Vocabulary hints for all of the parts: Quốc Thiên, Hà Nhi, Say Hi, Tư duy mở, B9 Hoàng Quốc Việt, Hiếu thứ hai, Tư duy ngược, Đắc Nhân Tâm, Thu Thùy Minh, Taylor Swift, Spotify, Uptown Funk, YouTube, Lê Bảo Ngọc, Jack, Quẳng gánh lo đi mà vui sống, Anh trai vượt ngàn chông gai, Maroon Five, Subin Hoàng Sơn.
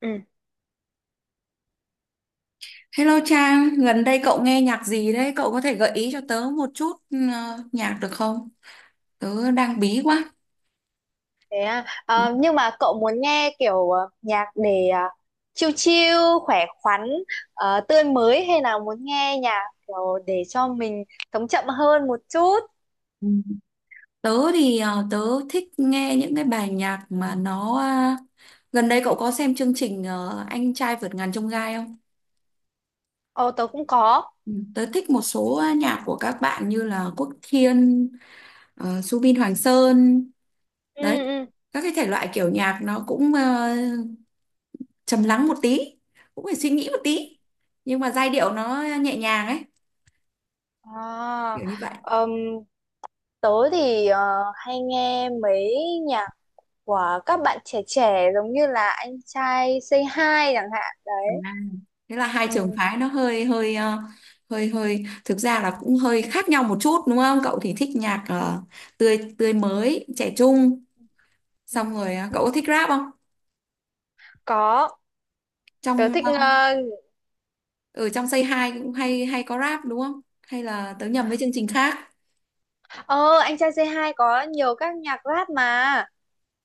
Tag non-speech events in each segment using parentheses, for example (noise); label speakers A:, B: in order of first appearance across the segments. A: Ừ,
B: Hello Trang, gần đây cậu nghe nhạc gì đấy? Cậu có thể gợi ý cho tớ một chút nhạc được không? Tớ đang bí quá.
A: thế à. Ờ, nhưng mà cậu muốn nghe kiểu nhạc để chill chill, khỏe khoắn, tươi mới hay là muốn nghe nhạc kiểu để cho mình sống chậm hơn một chút?
B: Ừ. Tớ thì ờ, tớ thích nghe những cái bài nhạc mà gần đây cậu có xem chương trình Anh trai vượt ngàn chông gai không?
A: Ồ, tớ cũng có.
B: Ừ, tớ thích một số nhạc của các bạn như là Quốc Thiên, Subin Hoàng Sơn,
A: Ừ,
B: đấy.
A: ừ.
B: Các cái thể loại kiểu nhạc nó cũng trầm lắng một tí, cũng phải suy nghĩ một tí, nhưng mà giai điệu nó nhẹ nhàng ấy,
A: À,
B: kiểu như vậy
A: ừm, tớ thì hay nghe mấy nhạc của các bạn trẻ trẻ giống như là anh trai Say Hi chẳng hạn đấy.
B: à. Thế là hai
A: Ừ,
B: trường phái nó hơi hơi hơi hơi thực ra là cũng hơi khác nhau một chút, đúng không? Cậu thì thích nhạc
A: ừ,
B: tươi tươi mới trẻ trung.
A: ừ.
B: Xong rồi cậu có thích rap không?
A: Có, tớ
B: trong
A: thích
B: ờ, Ở trong Say Hi cũng hay hay có rap đúng không, hay là tớ nhầm với chương trình khác?
A: Ờ, anh trai C2 có nhiều các nhạc rap mà.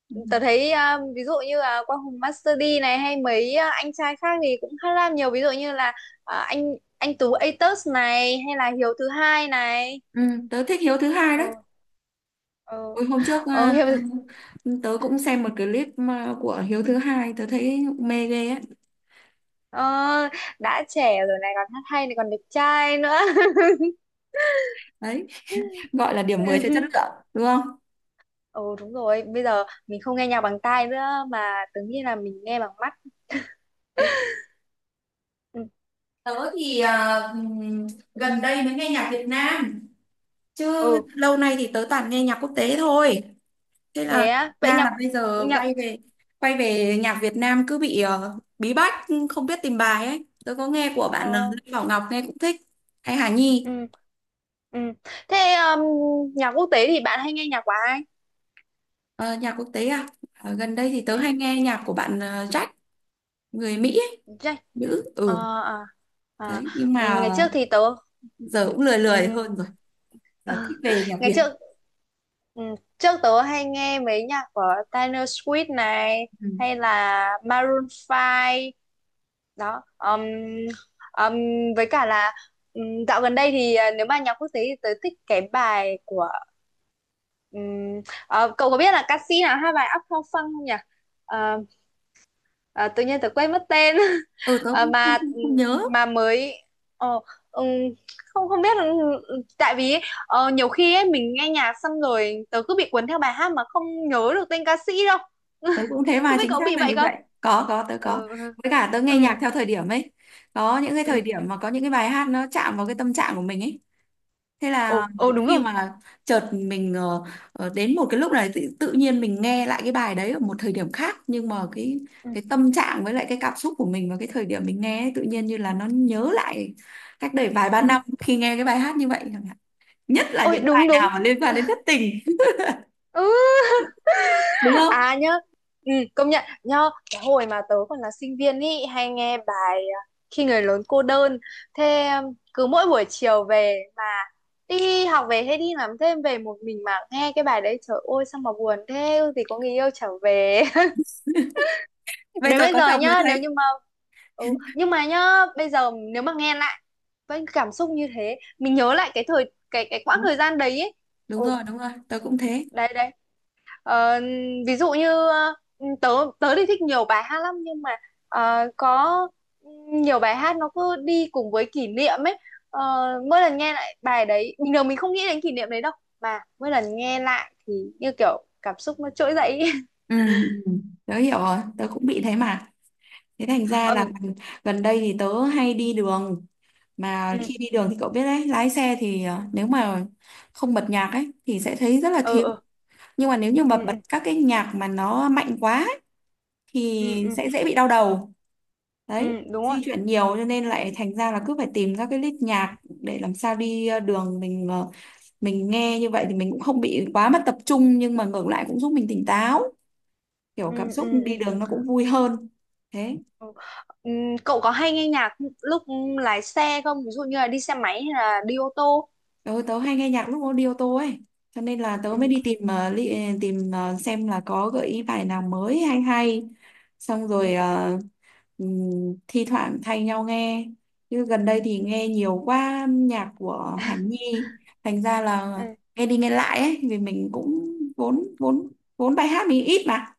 B: Ừ,
A: Tớ thấy ví dụ như là Quang Hùng Master D này hay mấy anh trai khác thì cũng khá là nhiều ví dụ như là anh Tú Atos này hay là Hiếu thứ hai này.
B: ừ, tớ thích Hiếu thứ hai đấy.
A: Ừ, ừ.
B: Ôi, hôm trước
A: Hiếu
B: tớ cũng xem một clip của Hiếu thứ hai, tớ thấy mê ghê ấy.
A: ờ, đã trẻ rồi này còn hát hay này còn đẹp trai nữa.
B: Đấy, gọi là điểm 10 cho chất
A: (laughs)
B: lượng đúng không?
A: Ừ, đúng rồi, bây giờ mình không nghe nhạc bằng tai nữa mà tưởng như là mình nghe bằng mắt.
B: Thế,
A: Ừ,
B: tớ thì gần đây mới nghe nhạc Việt Nam, chứ
A: ừ,
B: lâu nay thì tớ toàn nghe nhạc quốc tế thôi. Thế là
A: thế á. Vậy
B: ra là
A: nhạc
B: bây giờ
A: nhạc
B: quay về nhạc Việt Nam cứ bị bí bách, không biết tìm bài ấy. Tớ có nghe của bạn
A: ờ,
B: Lê Bảo Ngọc nghe cũng thích, hay Hà Nhi.
A: ừ, ừ, thế nhạc quốc tế thì bạn hay nghe nhạc của ai?
B: Ờ, nhạc quốc tế à. Ờ, gần đây thì tớ
A: Ừ,
B: hay nghe nhạc của bạn Jack người Mỹ ấy,
A: Jack
B: nữ,
A: ờ,
B: ừ
A: à, à.
B: đấy, nhưng
A: Ừ,
B: mà
A: ngày trước thì tớ
B: giờ cũng lười
A: ừ,
B: lười hơn rồi, giờ
A: Ờ,
B: thích về nhạc
A: ngày
B: Việt.
A: trước ừ, trước tớ hay nghe mấy nhạc của Taylor Swift này
B: Ừ,
A: hay là Maroon Five đó, um, với cả là um, dạo gần đây thì nếu mà nhạc quốc tế thì tớ thích cái bài của, ờ, cậu có biết là ca sĩ nào hát bài Uptown Funk không nhỉ? Ờ, Ờ, tự nhiên tớ quên mất tên. (laughs)
B: ừ, tớ
A: Ờ,
B: cũng
A: mà
B: không nhớ.
A: mà mới ờ, ừm, không không biết là- tại vì ấy, nhiều khi ấy, mình nghe nhạc xong rồi tớ cứ bị cuốn theo bài hát mà không nhớ được tên ca sĩ đâu.
B: Tớ
A: (laughs)
B: cũng thế, mà
A: Không biết
B: chính
A: có
B: xác
A: bị
B: là
A: vậy
B: như
A: không.
B: vậy. Có, tớ có.
A: Ừ,
B: Với cả tớ
A: ừ,
B: nghe nhạc theo thời điểm ấy, có những cái
A: ừ.
B: thời điểm mà có những cái bài hát nó chạm vào cái tâm trạng của mình ấy. Thế là
A: Ồ, ồ, đúng
B: khi
A: rồi.
B: mà chợt mình đến một cái lúc này tự nhiên mình nghe lại cái bài đấy ở một thời điểm khác, nhưng mà
A: Ừ.
B: cái tâm trạng với lại cái cảm xúc của mình vào cái thời điểm mình nghe ấy, tự nhiên như là nó nhớ lại cách đây vài ba
A: Ừ.
B: năm khi nghe cái bài hát như vậy chẳng hạn. Nhất là
A: Ôi,
B: những
A: đúng
B: bài nào
A: đúng.
B: mà liên quan đến thất tình,
A: Ừ.
B: đúng không?
A: À, nhớ. Công nhận nhớ cái hồi mà tớ còn là sinh viên ý hay nghe bài Khi người lớn cô đơn, thế cứ mỗi buổi chiều về mà đi học về hay đi làm thêm về một mình mà nghe cái bài đấy trời ơi sao mà buồn thế thì có người yêu trở về. (laughs)
B: Bây
A: Đến
B: giờ
A: bây
B: có
A: giờ
B: chồng rồi
A: nhá nếu
B: thấy
A: như mà ừ, nhưng mà nhá bây giờ nếu mà nghe lại với cảm xúc như thế mình nhớ lại cái thời cái quãng
B: đúng.
A: thời gian đấy ấy.
B: Đúng
A: Ừ,
B: rồi, đúng rồi, tớ cũng thế.
A: đấy đấy. Ờ, Ví dụ như tớ tớ thì thích nhiều bài hát lắm nhưng mà ờ, có nhiều bài hát nó cứ đi cùng với kỷ niệm ấy. Ờ, Mỗi lần nghe lại bài đấy bình thường mình không nghĩ đến kỷ niệm đấy đâu mà mỗi lần nghe lại thì như kiểu cảm xúc nó trỗi dậy ấy.
B: Ừ, ừ, tớ hiểu rồi, tớ cũng
A: (laughs)
B: bị thế mà. Thế thành ra là
A: Ừ.
B: gần gần đây thì tớ hay đi đường, mà khi đi đường thì cậu biết đấy, lái xe thì nếu mà không bật nhạc ấy thì sẽ thấy rất là
A: Ừ,
B: thiếu.
A: ừ,
B: Nhưng mà nếu như mà
A: ừ, ừ,
B: bật các cái nhạc mà nó mạnh quá ấy,
A: ừ,
B: thì
A: ừ, ừ,
B: sẽ dễ bị đau đầu.
A: ừ,
B: Đấy,
A: đúng rồi,
B: di chuyển nhiều cho nên lại thành ra là cứ phải tìm các cái list nhạc để làm sao đi đường mình mình nghe như vậy thì mình cũng không bị quá mất tập trung, nhưng mà ngược lại cũng giúp mình tỉnh táo, kiểu
A: ừ,
B: cảm
A: ừ,
B: xúc
A: ừ,
B: đi đường nó cũng vui hơn. Thế
A: ừ. Cậu có hay nghe nhạc lúc lái xe không, ví dụ như là đi xe máy hay là đi ô tô?
B: tớ hay nghe nhạc lúc nó đi ô tô ấy, cho nên là tớ mới
A: Ừ,
B: đi tìm, tìm, xem là có gợi ý bài nào mới hay hay. Xong rồi
A: ừ,
B: thi thoảng thay nhau nghe, chứ gần đây thì nghe nhiều quá nhạc của Hàn Nhi, thành ra là
A: ừ.
B: nghe đi nghe lại ấy, vì mình cũng vốn vốn vốn bài hát mình ít mà.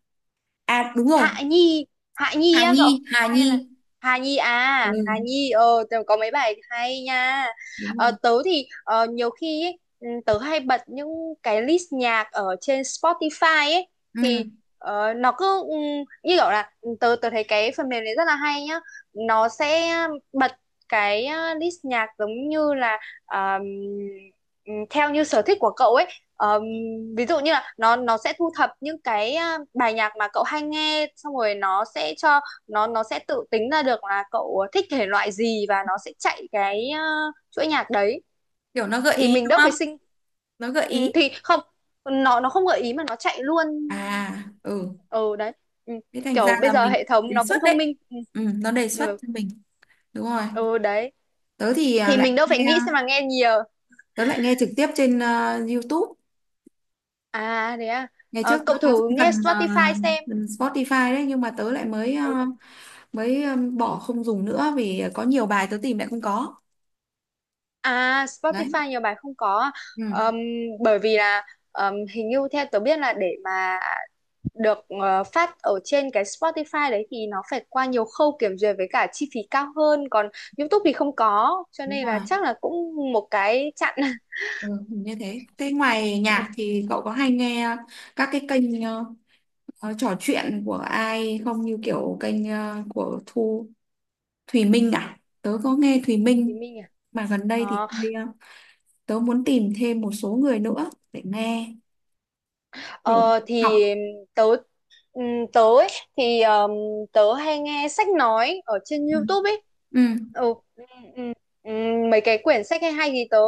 B: À đúng rồi,
A: Hạ Nhi, Hạ Nhi
B: Hà
A: á
B: Nhi,
A: cậu,
B: Hà Nhi,
A: hay là Hà Nhi, à Hà
B: ừ
A: Nhi. Ờ Tớ có mấy bài hay nha.
B: đúng rồi
A: Tớ thì nhiều khi ấy, tớ hay bật những cái list nhạc ở trên Spotify ấy,
B: ừ.
A: thì nó cứ như kiểu là tớ tớ thấy cái phần mềm này rất là hay nhá, nó sẽ bật cái list nhạc giống như là um, theo như sở thích của cậu ấy, um, ví dụ như là nó sẽ thu thập những cái bài nhạc mà cậu hay nghe xong rồi nó sẽ cho nó sẽ tự tính ra được là cậu thích thể loại gì và nó sẽ chạy cái chuỗi nhạc đấy
B: Kiểu nó gợi
A: thì
B: ý
A: mình
B: đúng
A: đỡ
B: không,
A: phải sinh.
B: nó gợi
A: Ừ,
B: ý.
A: thì không, nó không gợi ý mà nó chạy luôn.
B: À, ừ.
A: Ừ, đấy. Ừ,
B: Thế thành ra
A: kiểu bây
B: là
A: giờ
B: mình
A: hệ thống
B: đề
A: nó
B: xuất
A: cũng thông
B: đấy.
A: minh.
B: Ừ, nó đề xuất
A: Ừ,
B: cho mình. Đúng rồi.
A: ừ, đấy,
B: Tớ thì à,
A: thì
B: lại
A: mình đâu phải
B: nghe
A: nghĩ xem là nghe nhiều.
B: tớ lại nghe trực tiếp trên YouTube.
A: À, đấy à.
B: Ngày trước nó
A: Cậu
B: có
A: thử
B: cái
A: nghe
B: phần
A: Spotify xem.
B: phần Spotify đấy, nhưng mà tớ lại
A: Ừ.
B: mới bỏ không dùng nữa vì có nhiều bài tớ tìm lại không có.
A: À,
B: Đấy.
A: Spotify nhiều bài không có.
B: Ừ,
A: Ờm, Bởi vì là hình như theo tớ biết là để mà được phát ở trên cái Spotify đấy thì nó phải qua nhiều khâu kiểm duyệt với cả chi phí cao hơn. Còn YouTube thì không có. Cho
B: đúng
A: nên là
B: rồi.
A: chắc là cũng một cái chặn. (laughs)
B: Ừ, hình như thế. Thế ngoài
A: Ừ.
B: nhạc thì cậu có hay nghe các cái kênh trò chuyện của ai không, như kiểu kênh của Thùy Minh à? Tớ có nghe Thùy
A: Thì
B: Minh
A: mình à?
B: mà gần đây thì
A: Ờ,
B: hơi, tớ muốn tìm thêm một số người nữa để nghe kiểu
A: ờ, thì
B: học.
A: tớ, ừ, tớ ấy, thì tớ hay nghe sách nói ở trên
B: Ừ.
A: YouTube ấy.
B: Ừ.
A: Ừ, ừ, ừ, ừ, mấy cái quyển sách hay hay thì tớ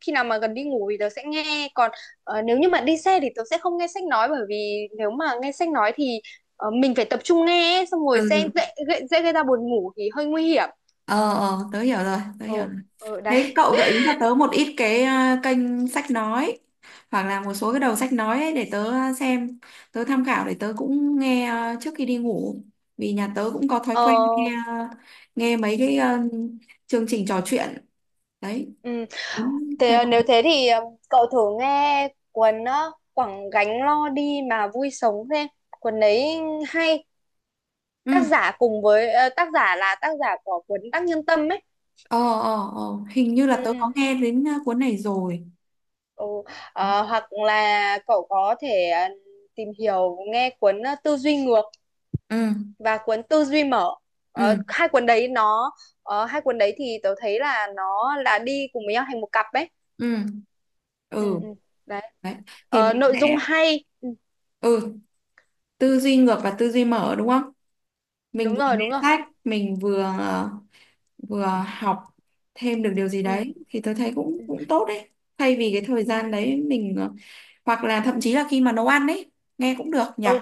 A: khi nào mà gần đi ngủ thì tớ sẽ nghe, còn nếu như mà đi xe thì tớ sẽ không nghe sách nói bởi vì nếu mà nghe sách nói thì mình phải tập trung nghe ấy, xong rồi sẽ
B: Ừ.
A: dễ, dễ, dễ gây ra buồn ngủ thì hơi nguy hiểm.
B: Ờ, ờ, tớ hiểu rồi, tớ hiểu
A: Ừ,
B: rồi.
A: ừ,
B: Thế
A: đấy.
B: cậu gợi ý cho tớ một ít cái kênh sách nói hoặc là một số cái đầu sách nói ấy để tớ xem, tớ tham khảo để tớ cũng nghe trước khi đi ngủ. Vì nhà tớ cũng có thói
A: Ờ,
B: quen nghe ờ, nghe mấy cái chương trình trò chuyện đấy,
A: ừ.
B: muốn
A: Thế
B: thay đổi.
A: nếu thế thì cậu thử nghe cuốn Quẳng gánh lo đi mà vui sống xem. Cuốn đấy hay.
B: Ừ.
A: Tác giả cùng với ờ, Tác giả là tác giả của cuốn Đắc Nhân Tâm ấy.
B: ờ ờ ờ Hình như là
A: Ừ,
B: tớ
A: ừ.
B: có nghe đến cuốn này rồi.
A: Ừ. Hoặc là cậu có thể tìm hiểu nghe cuốn Tư duy ngược
B: Ừ,
A: và cuốn Tư duy mở. Ờ,
B: ừ,
A: hai cuốn đấy nó Hai cuốn đấy thì tớ thấy là nó là đi cùng với nhau thành một cặp ấy.
B: ừ,
A: Ừ,
B: ừ
A: ừ. Đấy.
B: đấy, thì mình
A: Nội dung
B: sẽ,
A: hay. Ừ,
B: ừ, tư duy ngược và tư duy mở đúng không, mình
A: đúng
B: vừa
A: rồi,
B: nghe
A: đúng rồi.
B: sách mình vừa vừa học thêm được điều gì
A: Ừ.
B: đấy, thì tớ thấy cũng cũng tốt đấy. Thay vì cái thời
A: Ừ.
B: gian đấy mình, hoặc là thậm chí là khi mà nấu ăn đấy, nghe cũng được nhỉ.
A: Ừ,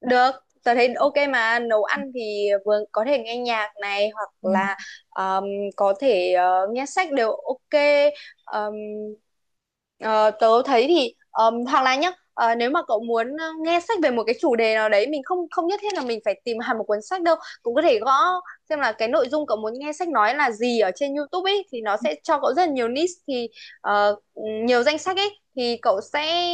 A: được, tớ thấy ok mà nấu ăn thì vừa có thể nghe nhạc này hoặc
B: Ừ,
A: là um, có thể nghe sách đều ok. Um, ờ, Tớ thấy thì hoặc là nhá, nếu mà cậu muốn nghe sách về một cái chủ đề nào đấy, mình không không nhất thiết là mình phải tìm (laughs) hẳn một cuốn sách đâu, cũng có thể gõ xem là cái nội dung cậu muốn nghe sách nói là gì ở trên YouTube ấy thì nó sẽ cho cậu rất là nhiều niche thì ờ, nhiều danh sách ấy thì cậu sẽ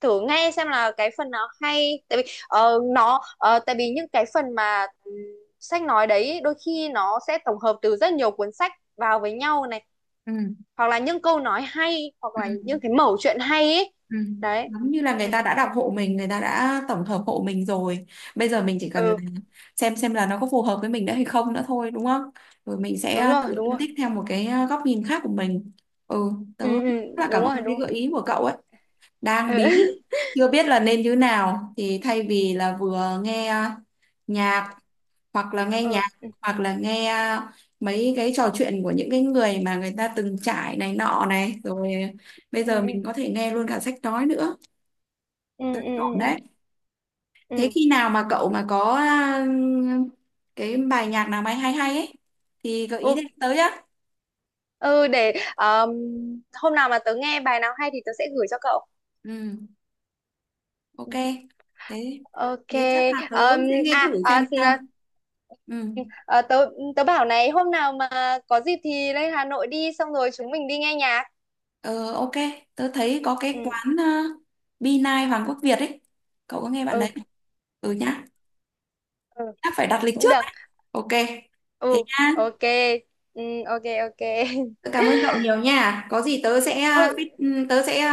A: thử nghe xem là cái phần nào hay, tại vì ờ, nó ờ, tại vì những cái phần mà sách nói đấy đôi khi nó sẽ tổng hợp từ rất nhiều cuốn sách vào với nhau này
B: ừ,
A: hoặc là những câu nói hay hoặc là
B: ừ.
A: những cái mẩu chuyện hay ấy.
B: Ừ.
A: Đấy.
B: Giống như là
A: Ừ,
B: người ta đã đọc hộ mình, người ta đã tổng hợp hộ mình rồi. Bây giờ mình chỉ cần là
A: ừ,
B: xem là nó có phù hợp với mình nữa hay không nữa thôi, đúng không? Rồi mình
A: đúng
B: sẽ
A: rồi,
B: tự
A: đúng
B: phân
A: rồi.
B: tích theo một cái góc nhìn khác của mình. Ừ, tớ
A: Ừ,
B: rất
A: ừ,
B: là
A: đúng
B: cảm
A: rồi, đúng
B: ơn cái
A: rồi.
B: gợi ý của cậu ấy. Đang bí,
A: Ừ. (laughs)
B: chưa biết là nên như nào. Thì thay vì là vừa nghe nhạc, hoặc là nghe nhạc,
A: Ừ,
B: hoặc là nghe mấy cái trò chuyện của những cái người mà người ta từng trải này nọ, này rồi bây giờ
A: ừ,
B: mình có thể nghe luôn cả sách nói nữa.
A: ừ,
B: Tính
A: ừ,
B: ổn
A: ừ,
B: đấy.
A: ừ,
B: Thế
A: ừ,
B: khi nào mà cậu mà có cái bài nhạc nào mà hay hay ấy thì gợi ý
A: ừ,
B: để tới á.
A: ừ, để hôm nào mà tớ nghe bài nào hay thì tớ sẽ gửi cho cậu.
B: Ừ, ok. Thế
A: Ok.
B: thế chắc là tớ
A: Ờm,
B: sẽ nghe thử
A: à, à
B: xem sao.
A: n-
B: Ừ,
A: ờ, tớ tớ bảo này hôm nào mà có dịp thì lên Hà Nội đi xong rồi chúng mình đi nghe nhạc.
B: ờ, ok. Tớ thấy có cái
A: Ừ.
B: quán B9 Hoàng Quốc Việt ấy. Cậu có nghe bạn đấy
A: Ừ.
B: không? Ừ nhá.
A: Ừ.
B: Chắc phải đặt lịch
A: Cũng
B: trước
A: được.
B: đấy. Ok. Thế
A: Ừ.
B: nhá.
A: Ok. Ừ, ok, ok.
B: Tớ
A: (laughs)
B: cảm ơn cậu nhiều nha. Có gì tớ sẽ à,
A: Ừ.
B: feed- tớ sẽ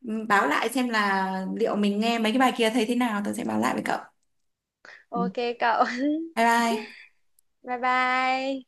B: báo lại xem là liệu mình nghe mấy cái bài kia thấy thế nào, tôi sẽ báo lại với cậu. Ừ.
A: Ok cậu. (laughs)
B: Bye bye.
A: Bye bye.